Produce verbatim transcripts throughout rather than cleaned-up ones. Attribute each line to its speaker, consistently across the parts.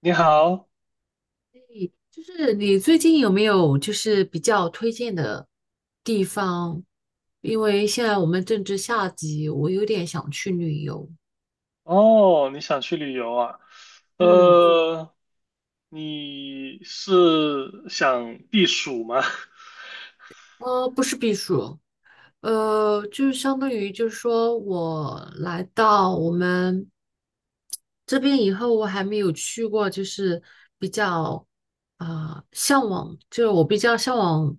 Speaker 1: 你好。
Speaker 2: 就是你最近有没有就是比较推荐的地方？因为现在我们正值夏季，我有点想去旅游。
Speaker 1: 哦，你想去旅游啊？
Speaker 2: 嗯，
Speaker 1: 呃，你是想避暑吗？
Speaker 2: 呃，不是避暑，呃，就是相当于就是说我来到我们这边以后，我还没有去过，就是比较啊、呃向往，就是我比较向往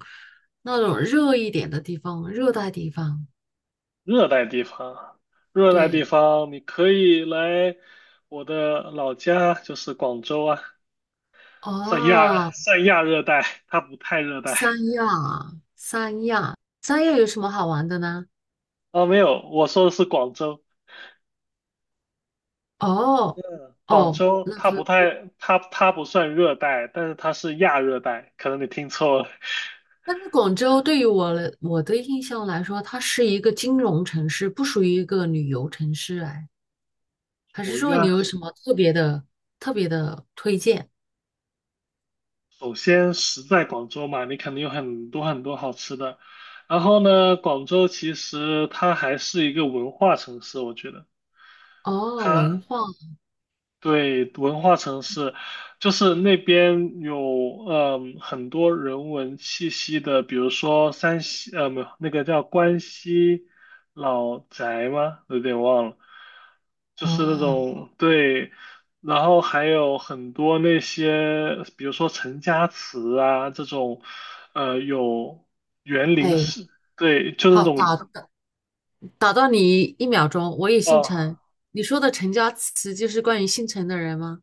Speaker 2: 那种热一点的地方，热带地方。
Speaker 1: 热带地方，热带地
Speaker 2: 对，
Speaker 1: 方，你可以来我的老家，就是广州啊，算亚
Speaker 2: 哦、
Speaker 1: 算亚热带，它不太热带。
Speaker 2: 三亚啊三亚，三亚有什么好玩的呢？
Speaker 1: 哦，没有，我说的是广州，
Speaker 2: 哦，
Speaker 1: 广
Speaker 2: 哦，
Speaker 1: 州它不太，它它不算热带，但是它是亚热带，可能你听错了。
Speaker 2: 但是广州对于我来我的印象来说，它是一个金融城市，不属于一个旅游城市。哎，还是
Speaker 1: 五月
Speaker 2: 说你
Speaker 1: 啊。
Speaker 2: 有什么特别的、特别的推荐？
Speaker 1: 首先食在广州嘛，你肯定有很多很多好吃的。然后呢，广州其实它还是一个文化城市，我觉得
Speaker 2: 哦，
Speaker 1: 它
Speaker 2: 文化，
Speaker 1: 对，文化城市，就是那边有嗯很多人文气息的，比如说山西，呃，没有，那个叫关西老宅吗？有点忘了，就是那
Speaker 2: 哦，
Speaker 1: 种，对。然后还有很多那些，比如说陈家祠啊这种，呃，有园林
Speaker 2: 哎，
Speaker 1: 式，对，就那
Speaker 2: 好，打
Speaker 1: 种。
Speaker 2: 打打到你一秒钟，我也姓
Speaker 1: 啊，
Speaker 2: 陈。你说的陈家祠就是关于姓陈的人吗？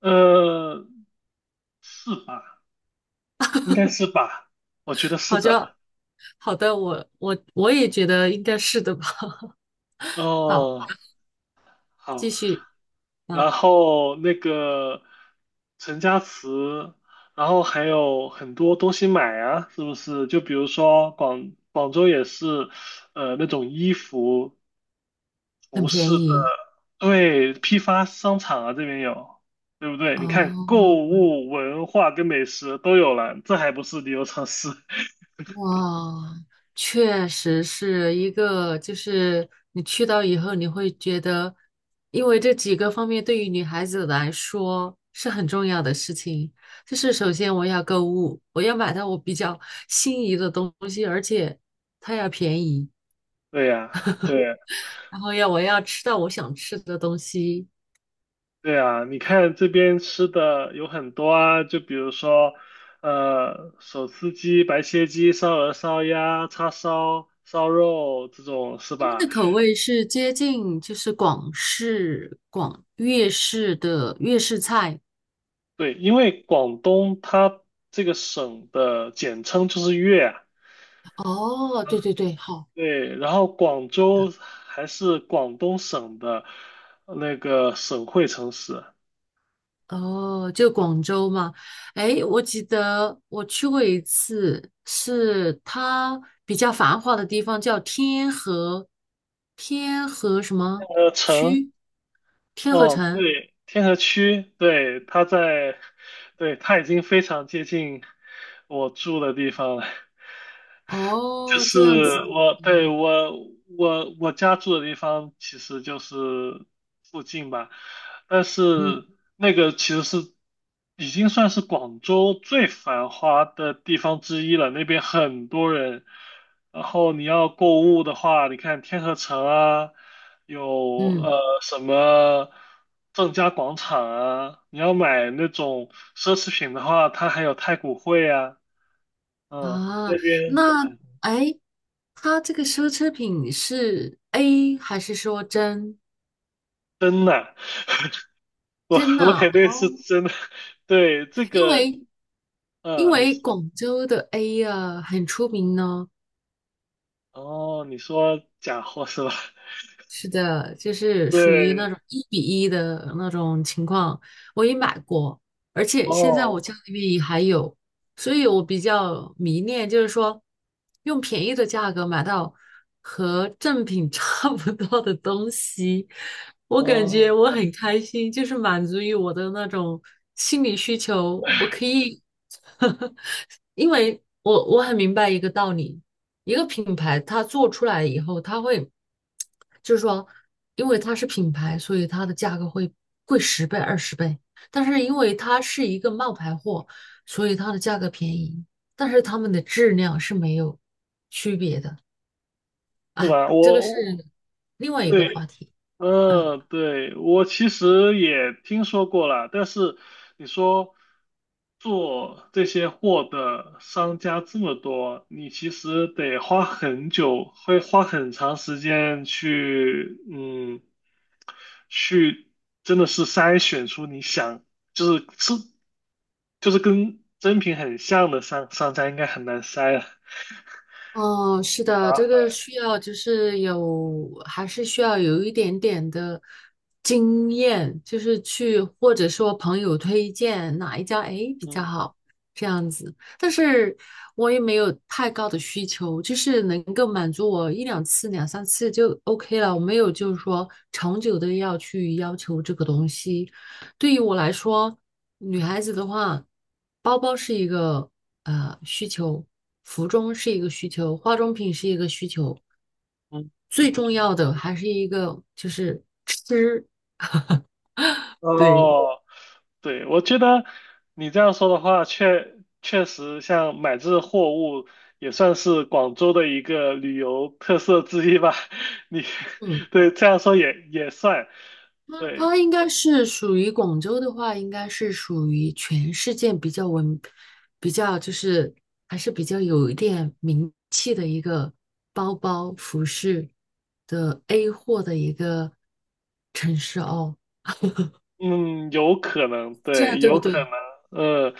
Speaker 1: 呃，是吧？应该是吧？我觉得是
Speaker 2: 好像，
Speaker 1: 的。
Speaker 2: 好的，我我我也觉得应该是的吧。好。
Speaker 1: 哦，好。
Speaker 2: 继续啊，
Speaker 1: 然后那个陈家祠，然后还有很多东西买啊，是不是？就比如说广广州也是，呃，那种衣服、
Speaker 2: 很
Speaker 1: 服饰
Speaker 2: 便
Speaker 1: 的，
Speaker 2: 宜
Speaker 1: 对，批发商场啊，这边有，对不对？你看，
Speaker 2: 哦，
Speaker 1: 购物、文化跟美食都有了，这还不是旅游城市？
Speaker 2: 哇，确实是一个，就是你去到以后，你会觉得，因为这几个方面对于女孩子来说是很重要的事情，就是首先我要购物，我要买到我比较 心仪的东西，而且它要便宜，
Speaker 1: 对呀，对。
Speaker 2: 然后要我要吃到我想吃的东西。
Speaker 1: 对啊，你看这边吃的有很多啊，就比如说，呃，手撕鸡、白切鸡、烧鹅、烧鸭、叉烧、烧肉这种是
Speaker 2: 他们
Speaker 1: 吧？
Speaker 2: 的口味是接近就是广式、广粤式的粤式菜，
Speaker 1: 对，因为广东它这个省的简称就是粤啊。
Speaker 2: 哦，对对对，好，
Speaker 1: 对，然后广州还是广东省的那个省会城市。
Speaker 2: 哦，就广州嘛，哎，我记得我去过一次，是它比较繁华的地方，叫天河，天河什么
Speaker 1: 呃，城
Speaker 2: 区？天河
Speaker 1: 哦，
Speaker 2: 城。
Speaker 1: 对，天河区，对，它在，对，它已经非常接近我住的地方了。就
Speaker 2: 哦，这样子，
Speaker 1: 是我，对，
Speaker 2: 嗯
Speaker 1: 我，我，我家住的地方其实就是附近吧，但
Speaker 2: 嗯
Speaker 1: 是那个其实是已经算是广州最繁华的地方之一了，那边很多人。然后你要购物的话，你看天河城啊，有呃
Speaker 2: 嗯，
Speaker 1: 什么正佳广场啊，你要买那种奢侈品的话，它还有太古汇啊，嗯，
Speaker 2: 啊，
Speaker 1: 那边
Speaker 2: 那
Speaker 1: 很。
Speaker 2: 哎，它这个奢侈品是 A 还是说真
Speaker 1: 真的。我
Speaker 2: 真的？
Speaker 1: 我肯定是
Speaker 2: 哦
Speaker 1: 真的，对这
Speaker 2: 因
Speaker 1: 个，
Speaker 2: 为因
Speaker 1: 嗯，你
Speaker 2: 为
Speaker 1: 说
Speaker 2: 广州的 A 啊很出名呢、
Speaker 1: 哦，你说假货是吧？
Speaker 2: 是的，就是属于那
Speaker 1: 对。
Speaker 2: 种一比一的那种情况，我也买过，而且现在我
Speaker 1: 哦。
Speaker 2: 家里面也还有，所以我比较迷恋，就是说用便宜的价格买到和正品 差不多的东西，我感觉
Speaker 1: 哦，
Speaker 2: 我很开心，就是满足于我的那种心理需求，我可以 因为我我很明白一个道理，一个品牌它做出来以后，它会就是说，因为它是品牌，所以它的价格会贵十倍、二十倍。但是因为它是一个冒牌货，所以它的价格便宜，但是它们的质量是没有区别的。
Speaker 1: 是
Speaker 2: 哎，
Speaker 1: 吧？
Speaker 2: 这个
Speaker 1: 我，
Speaker 2: 是
Speaker 1: 我
Speaker 2: 另外一个
Speaker 1: 对，
Speaker 2: 话题。嗯。
Speaker 1: 嗯，对，我其实也听说过了，但是你说做这些货的商家这么多，你其实得花很久，会花很长时间去，嗯，去真的是筛选出你想，就是是，就是跟真品很像的商商家，应该很难筛。
Speaker 2: 哦，是的，这个需要就是有，还是需要有一点点的经验，就是去或者说朋友推荐哪一家诶比较
Speaker 1: 嗯
Speaker 2: 好这样子。但是我也没有太高的需求，就是能够满足我一两次、两三次就 OK 了。我没有就是说长久的要去要求这个东西，对于我来说，女孩子的话，包包是一个呃需求，服装是一个需求，化妆品是一个需求，
Speaker 1: 嗯。
Speaker 2: 最重要的还是一个就是吃。对，
Speaker 1: 哦，对，我觉得你这样说的话，确确实像买这货物也算是广州的一个旅游特色之一吧。你
Speaker 2: 嗯，
Speaker 1: 对这样说也也算，
Speaker 2: 它
Speaker 1: 对，
Speaker 2: 它应该是属于广州的话，应该是属于全世界比较文，比较就是还是比较有一点名气的一个包包服饰的 A 货的一个城市哦。
Speaker 1: 嗯，有可能，
Speaker 2: 这
Speaker 1: 对，
Speaker 2: 样对不
Speaker 1: 有可
Speaker 2: 对？
Speaker 1: 能。呃，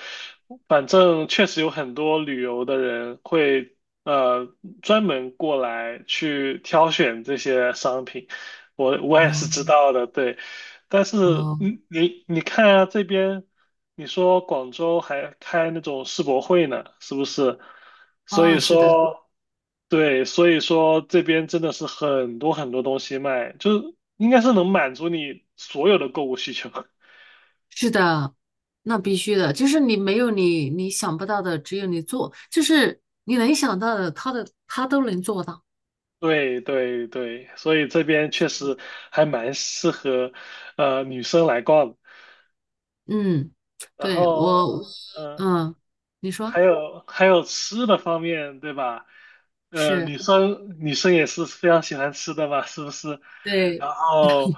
Speaker 1: 反正确实有很多旅游的人会呃专门过来去挑选这些商品，我我也是知
Speaker 2: 哦
Speaker 1: 道的，对。但是，
Speaker 2: 哦
Speaker 1: 你你你看啊，这边你说广州还开那种世博会呢，是不是？所以
Speaker 2: 哦，是的，
Speaker 1: 说，对，所以说这边真的是很多很多东西卖，就是应该是能满足你所有的购物需求。
Speaker 2: 是的，那必须的，就是你没有你你想不到的，只有你做，就是你能想到的，他的他都能做到。
Speaker 1: 对对对，所以这边确实还蛮适合呃女生来逛的。
Speaker 2: 嗯，
Speaker 1: 然
Speaker 2: 对，我，我
Speaker 1: 后，嗯、
Speaker 2: 嗯，你说
Speaker 1: 还有还有吃的方面，对吧？呃，
Speaker 2: 是，
Speaker 1: 女生女生也是非常喜欢吃的嘛，是不是？
Speaker 2: 对。
Speaker 1: 然后，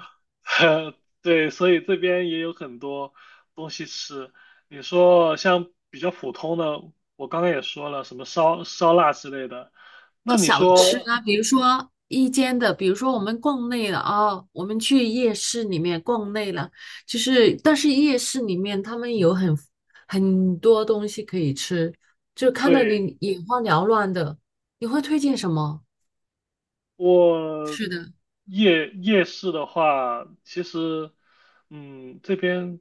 Speaker 1: 对，所以这边也有很多东西吃。你说像比较普通的，我刚刚也说了，什么烧烧腊之类的。那你
Speaker 2: 小吃
Speaker 1: 说，
Speaker 2: 啊，比如说一间的，比如说我们逛累了啊，我们去夜市里面逛累了，就是但是夜市里面他们有很很多东西可以吃，就看到
Speaker 1: 对，
Speaker 2: 你眼花缭乱的，你会推荐什么？
Speaker 1: 我
Speaker 2: 是的，
Speaker 1: 夜夜市的话，其实，嗯，这边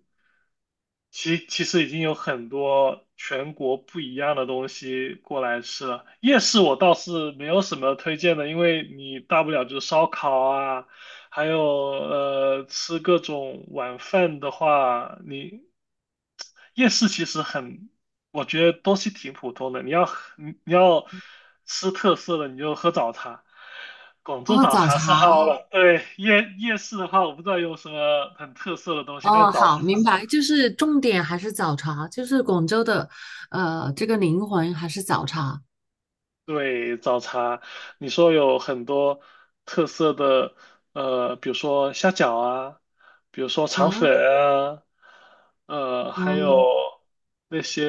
Speaker 1: 其其实已经有很多全国不一样的东西过来吃了。夜市我倒是没有什么推荐的，因为你大不了就是烧烤啊，还有呃吃各种晚饭的话，你夜市其实很，我觉得东西挺普通的。你要喝你你要吃特色的，你就喝早茶。广州
Speaker 2: 哦，
Speaker 1: 早
Speaker 2: 早
Speaker 1: 茶
Speaker 2: 茶，
Speaker 1: 是好了，对，夜夜市的话，我不知道有什么很特色的东西，但是
Speaker 2: 哦，
Speaker 1: 早茶
Speaker 2: 好，明
Speaker 1: 是。
Speaker 2: 白，就是重点还是早茶，就是广州的，呃，这个灵魂还是早茶
Speaker 1: 对，早茶，你说有很多特色的，呃，比如说虾饺啊，比如说肠粉
Speaker 2: 啊，
Speaker 1: 啊，呃，还有
Speaker 2: 嗯，
Speaker 1: 那些，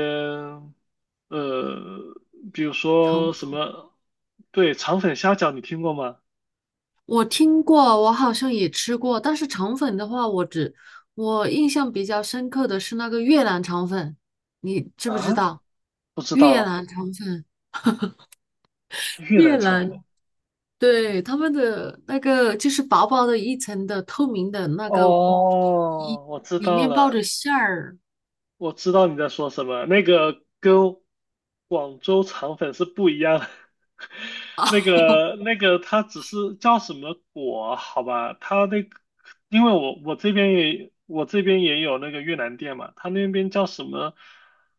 Speaker 1: 呃，比如
Speaker 2: 重。
Speaker 1: 说什么，对，肠粉虾饺你听过吗？
Speaker 2: 我听过，我好像也吃过，但是肠粉的话，我只我印象比较深刻的是那个越南肠粉，你知不知
Speaker 1: 啊，
Speaker 2: 道？
Speaker 1: 不知
Speaker 2: 越
Speaker 1: 道，
Speaker 2: 南肠粉，
Speaker 1: 越
Speaker 2: 越
Speaker 1: 南肠
Speaker 2: 南，
Speaker 1: 粉。
Speaker 2: 对，他们的那个就是薄薄的一层的透明的那个皮，
Speaker 1: 哦，我知
Speaker 2: 里
Speaker 1: 道
Speaker 2: 面包着
Speaker 1: 了，
Speaker 2: 馅儿。
Speaker 1: 我知道你在说什么，那个跟广州肠粉是不一样的。那 个那个，它只是叫什么果？好吧，它那个，因为我我这边也我这边也有那个越南店嘛，它那边叫什么？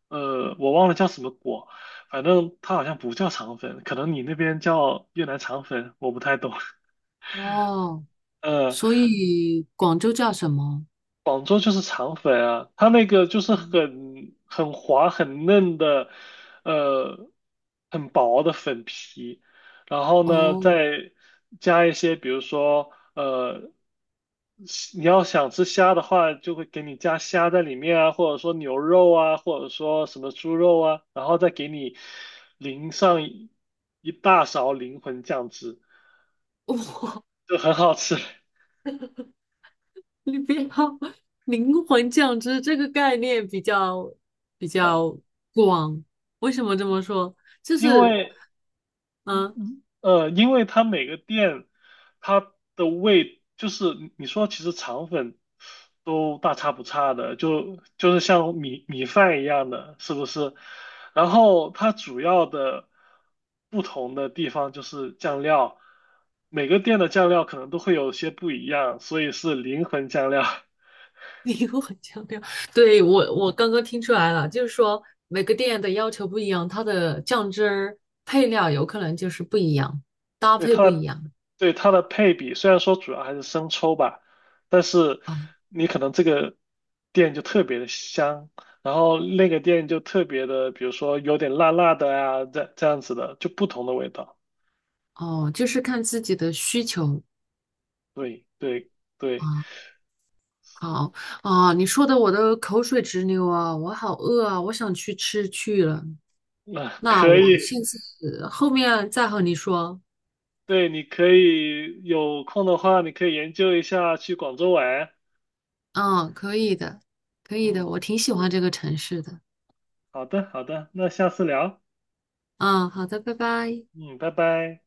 Speaker 1: 呃，我忘了叫什么果，反正它好像不叫肠粉，可能你那边叫越南肠粉，我不太懂。
Speaker 2: 哦，
Speaker 1: 呃，
Speaker 2: 所以广州叫什么？
Speaker 1: 广州就是肠粉啊，它那个就是
Speaker 2: 嗯，
Speaker 1: 很很滑很嫩的，呃，很薄的粉皮，然后呢
Speaker 2: 哦，
Speaker 1: 再加一些，比如说呃，你要想吃虾的话，就会给你加虾在里面啊，或者说牛肉啊，或者说什么猪肉啊，然后再给你淋上一一大勺灵魂酱汁，就很好吃。
Speaker 2: 你不要灵魂酱汁这个概念比较比
Speaker 1: 啊，
Speaker 2: 较广。为什么这么说？就
Speaker 1: 因
Speaker 2: 是
Speaker 1: 为。
Speaker 2: 嗯，呃
Speaker 1: 呃，因为它每个店它的味，就是你说其实肠粉都大差不差的，就就是像米米饭一样的，是不是？然后它主要的不同的地方就是酱料，每个店的酱料可能都会有些不一样，所以是灵魂酱料。
Speaker 2: 灵魂酱料。对，我我刚刚听出来了，就是说每个店的要求不一样，它的酱汁儿配料有可能就是不一样，搭
Speaker 1: 对
Speaker 2: 配不
Speaker 1: 它
Speaker 2: 一
Speaker 1: 的
Speaker 2: 样。
Speaker 1: 对它的配比，虽然说主要还是生抽吧，但是
Speaker 2: 哦
Speaker 1: 你可能这个店就特别的香，然后那个店就特别的，比如说有点辣辣的啊，这这样子的，就不同的味道。
Speaker 2: 哦，就是看自己的需求
Speaker 1: 对对对。
Speaker 2: 啊。好啊，你说的我都口水直流啊，我好饿啊，我想去吃去了。
Speaker 1: 那
Speaker 2: 那
Speaker 1: 可
Speaker 2: 我
Speaker 1: 以，
Speaker 2: 现在后面再和你说。
Speaker 1: 对，你可以有空的话，你可以研究一下去广州玩。
Speaker 2: 嗯，可以的，可以的，
Speaker 1: 嗯，
Speaker 2: 我挺喜欢这个城市的。
Speaker 1: 好的好的，那下次聊。
Speaker 2: 嗯，好的，拜拜。
Speaker 1: 嗯，拜拜。